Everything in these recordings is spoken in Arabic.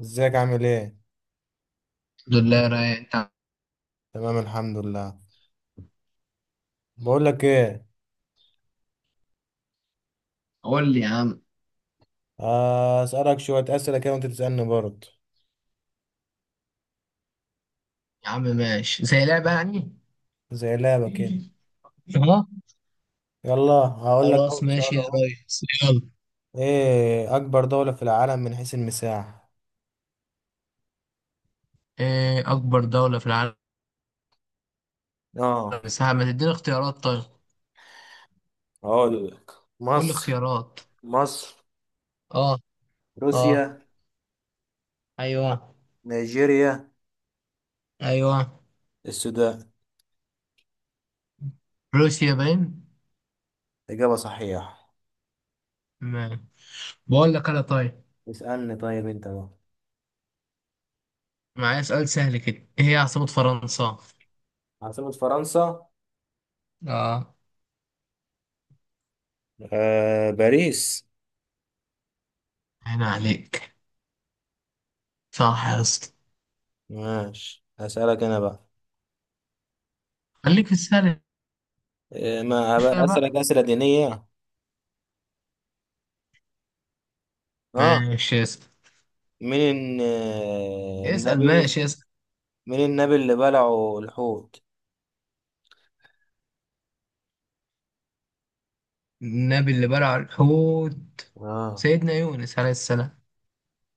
ازيك عامل ايه؟ الحمد لله رايق انت. تمام الحمد لله. بقول لك ايه، قول لي يا عم. اسالك شويه اسئله كده وانت تسالني برضه. يا عم ماشي زي لعبة يعني. زي لعبه كده. اه، يلا هقول لك خلاص اول ماشي سؤال يا اهو. ريس يلا. ايه اكبر دوله في العالم من حيث المساحه؟ ايه اكبر دولة في العالم اه مساحة؟ ما تديني اختيارات طيب. هقول لك. قول لي مصر، اختيارات. مصر، اه. اه. روسيا، ايوه. نيجيريا، ايوه. السودان. روسيا باين. إجابة صحيحة. ما. بقول لك انا طيب. اسألني طيب أنت بقى. معايا سؤال سهل كده، ايه هي عاصمة فرنسا؟ عاصمة فرنسا؟ اه. آه باريس. هنا عليك، صح يا اسطى. ماشي هسألك أنا بقى. خليك في السهل إيه ما شوية هبقى بقى. أسألك أسئلة دينية. اه. ماشي اسأل. مين الن- اسأل النبي، ماشي اسأل. مين النبي اللي بلعه الحوت؟ النبي اللي بلع الحوت اه، سيدنا يونس عليه السلام.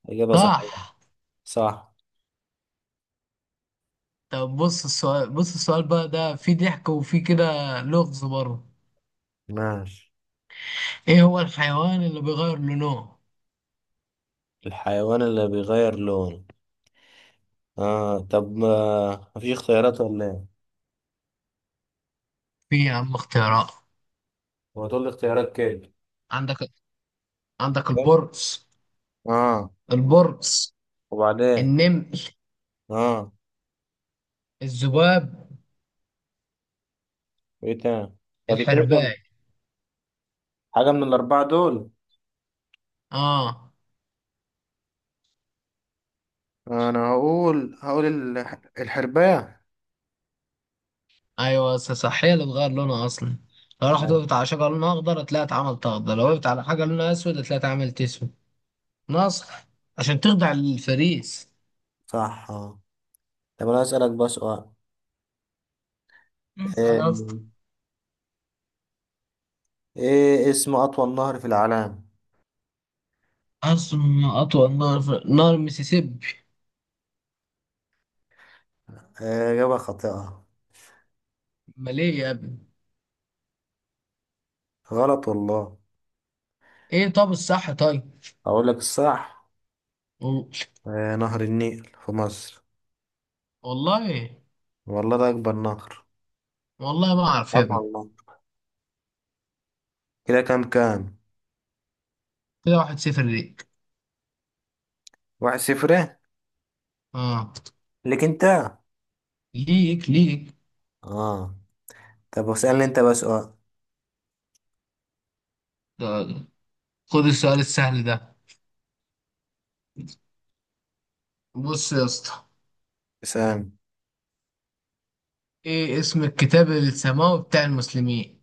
إجابة صحيحة. صح. صح. طب بص السؤال، بقى ده فيه ضحك وفيه كده، لغز برضه. ماشي. ايه هو الحيوان اللي بيغير لونه؟ الحيوان اللي بيغير لونه؟ اه طب ما مفيش اختيارات ولا ايه؟ في يا عم اختيارات. هو تقول لي اختيارات كده. عندك، البرص. اه، البرص، وبعدين؟ النمل، اه، الذباب، ايه تاني؟ هتديني الحرباي. كم حاجة من الأربعة دول؟ اه، انا هقول، الحرباية. ايوه بس صح، هي اللي بتغير لونها اصلا. لو راحت وقفت أيوة. على شجره لونها اخضر هتلاقيها اتعملت اخضر، لو وقفت على حاجه لونها اسود هتلاقيها اتعملت اسود. ناصح عشان تخضع للفريس. صح اه. طب أنا أسألك بقى سؤال. انسى ايه، انا اصلا. إيه اسم أطول نهر في العالم؟ أرسم أطول نهر في نهر المسيسيبي. إجابة خاطئة. أمال إيه يا ابني؟ غلط والله. إيه طب الصح طيب؟ أقول لك الصح. و- نهر النيل في مصر. والله. والله ده أكبر نهر، والله ما أعرف يا أطول ابني. والله. كده كام كام؟ كده واحد صفر ليك. واحد صفر إيه؟ آه. ليك أنت؟ ليك ليك. آه. طب اسألني أنت بقى سؤال. ده- خد السؤال السهل ده. بص يا اسطى، اسأل. إيه اسم الكتاب السماوي بتاع المسلمين؟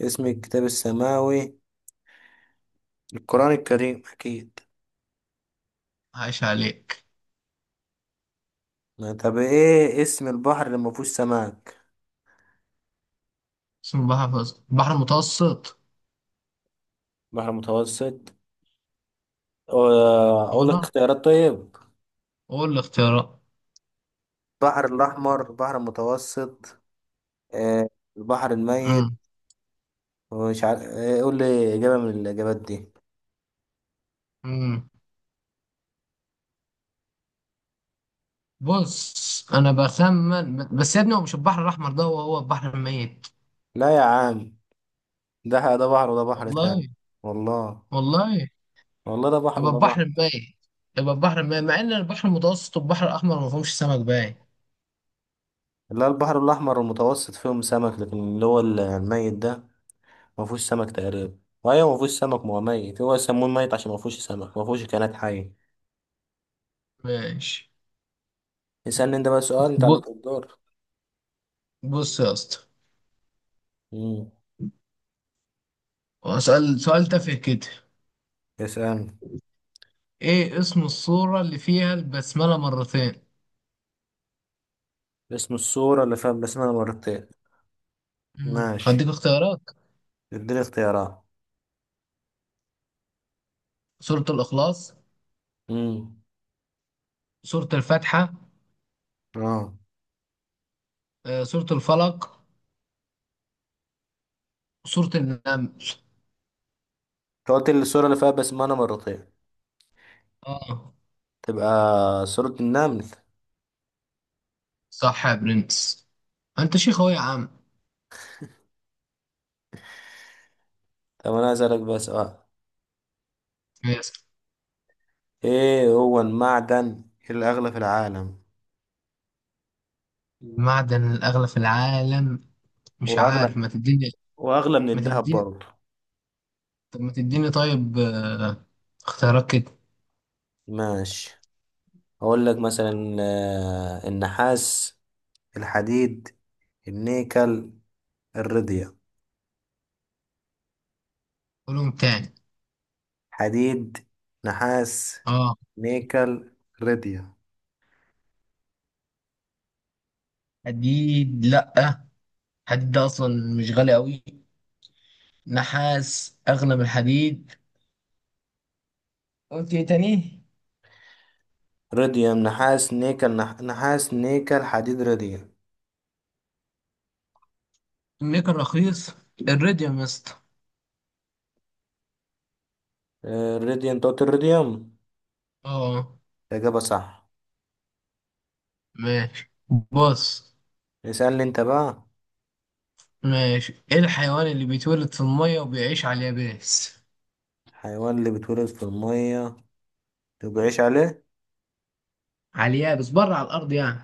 اسم الكتاب السماوي؟ القرآن الكريم أكيد. عايش عليك. ما طب إيه اسم البحر اللي ما فيهوش سمك؟ اسم البحر البحر المتوسط. بحر متوسط؟ آه، أقول لك وأنا، اختيارات طيب. قول الاختيارات. البحر الأحمر، البحر المتوسط، آه، البحر الميت، مش عارف إيه، قول لي إجابة من الإجابات دي. بص انا بخمن بس يا ابني، هو مش البحر الاحمر ده، هو البحر الميت. لا يا عم، ده بحر وده بحر تاني. والله. والله. والله والله ده بحر يبقى وده بحر. البحر الميت. يبقى البحر الميت مع ان البحر المتوسط والبحر الاحمر ما فيهمش سمك باين. لا البحر الأحمر المتوسط فيهم سمك لكن اللي هو الميت ده ما فيهوش سمك تقريبا، وأيوه ما فيهوش سمك، ما هو ميت، هو يسموه ميت عشان ما فيهوش سمك، ما فيهوش كائنات حية. ماشي. اسألني أنت بقى سؤال، أنت ب- عليك الدور. بص يا اسطى، امم اسال سؤال تافه كده. اسألني. ايه اسم الصورة اللي فيها البسملة مرتين؟ اسم الصورة اللي فيها بسمة مرتين؟ ماشي هديك اختيارات. اديني اختيارات. سورة الاخلاص، امم سورة الفاتحة، اه، سورة الفلق، سورة النمل. أنت قلت لي الصورة اللي فيها بسمة مرتين، اه. تبقى صورة النمل. صح يا برنس، انت شيخ اهو يا عم. طب أنا عايز أسألك بقى سؤال. يس. إيه هو المعدن الأغلى في العالم؟ المعدن الأغلى في العالم مش وأغلى، عارف، ما تديني. وأغلى من ما الذهب تديني، برضه. طب ما تديني طيب، اختيارات كده. ماشي أقول لك مثلا، النحاس، الحديد، النيكل، الرديا. قولهم تاني. حديد، نحاس، اه. نيكل، رديا. حديد لأ، حديد ده أصلا مش غالي أوي. نحاس أغلى من الحديد. قلت ايه تاني؟ رديوم، نحاس، نيكل، نحاس، نيكل، حديد، رديوم. النيكل رخيص. الريديوم يا اسطى. الرديوم، أنت قلت الرديوم. اه. الإجابة صح. ماشي. بص. اسألني أنت بقى. ماشي، ايه الحيوان اللي بيتولد في المية وبيعيش على اليابس؟ حيوان اللي بيتولد في المية وبيعيش عليه؟ على اليابس بره، على الأرض يعني.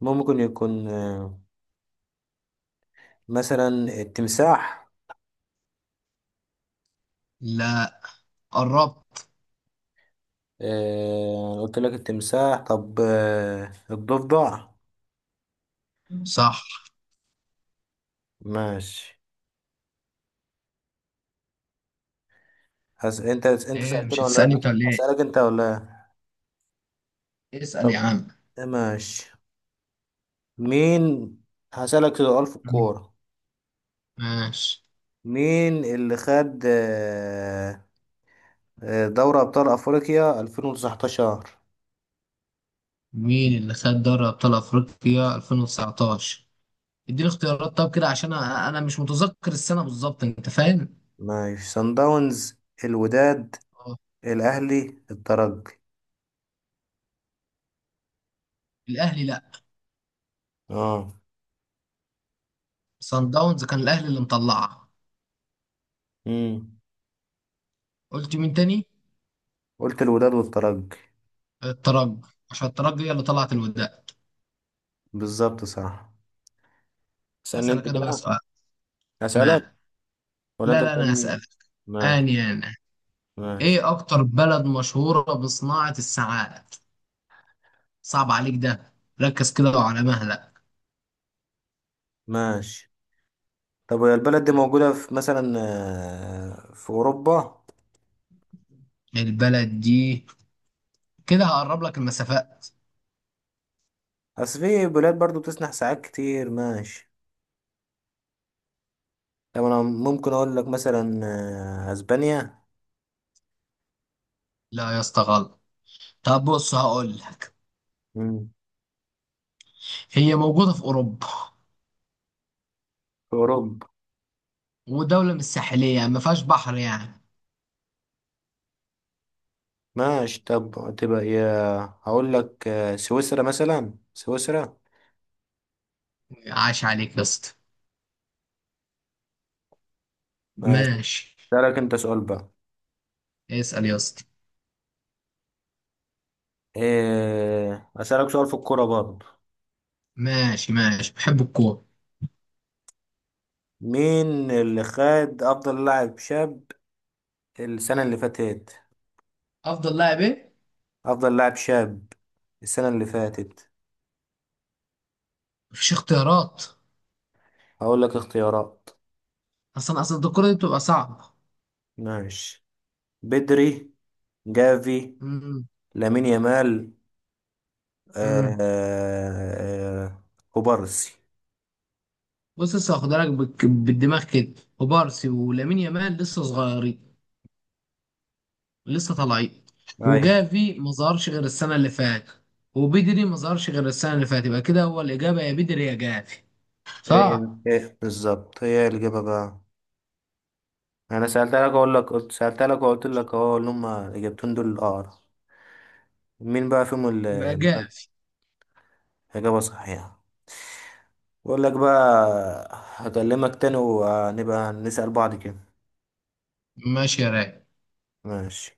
ممكن يكون مثلا التمساح. لا، قربت. أنا قلت لك التمساح، طب الضفدع. صح. ماشي. انت ايه، سألتني مش ولا هتسألني لأ؟ انت ولا ايه؟ هسألك انت ولا لأ؟ اسأل طب يا عم. ماشي. مين، هسألك سؤال في الكورة. ماشي. مين اللي خد دوري أبطال أفريقيا 2019؟ مين اللي خد دوري ابطال افريقيا 2019؟ اديني اختيارات طب كده، عشان انا مش متذكر السنة بالظبط، انت فاهم؟ ماشي، صن داونز، الوداد، اه. الأهلي، الترجي. الاهلي لا. اه، صن داونز كان الاهلي اللي مطلعها. امم، قلت مين تاني؟ قلت الوداد والترجي. الترجي، عشان الترجي هي اللي طلعت الوداع. بالظبط صراحة. اسألني انت اسألك انا بقى كده. سؤال. اسألك ما، ولا لا انت لا انا تسألني؟ هسألك. ماشي، انا ماشي، ايه اكتر بلد مشهورة بصناعة الساعات؟ صعب عليك ده، ركز كده وعلى مهلك. ماشي. طب هي البلد دي موجودة في مثلا في أوروبا؟ البلد دي، كده هقرب لك المسافات. أصل في بلاد برضو بتسنح ساعات كتير، ماشي. طب أنا ممكن أقول لك مثلا أسبانيا. لا يا اسطى غلط. طب بص هقول لك، امم، هي موجودة في أوروبا، في أوروبا، ودولة مش ساحلية يعني ما فيهاش بحر يعني. ماشي. طب تبقى يا، هقول لك سويسرا، مثلا سويسرا. عاش عليك يا اسطى. ماشي. ماشي. أسألك أنت سؤال بقى. اسأل يا اسطى. إيه، أسألك سؤال في الكورة برضو. ماشي ماشي بحب الكورة. مين اللي خد أفضل لاعب شاب السنة اللي فاتت؟ أفضل لاعب إيه؟ أفضل لاعب شاب السنة اللي فاتت. مفيش اختيارات. هقول لك اختيارات. أصلا الكورة دي بتبقى صعبة. ماشي، بدري، جافي، امم. لامين يامال، آه امم. آه، كوبارسي. بص لسه هاخدها لك بالدماغ كده. وبارسي ولامين يامال لسه صغيرين، لسه طالعين. أي، وجافي ما ظهرش غير السنة اللي فاتت، وبدري ما ظهرش غير السنة اللي فاتت، يبقى كده هو الإجابة يا بدري يا جافي. هي صح. إيه بالظبط هي الإجابة بقى؟ أنا سألتها لك، أقول لك، قلت سألتها لك وقلت لك أهو اللي هما إجابتين دول الأقرب، مين بقى فيهم يبقى اللي؟ جافي. إجابة صحيحة. بقول لك بقى، هكلمك تاني وهنبقى نسأل بعض كده. ماشي يا راجل. ماشي.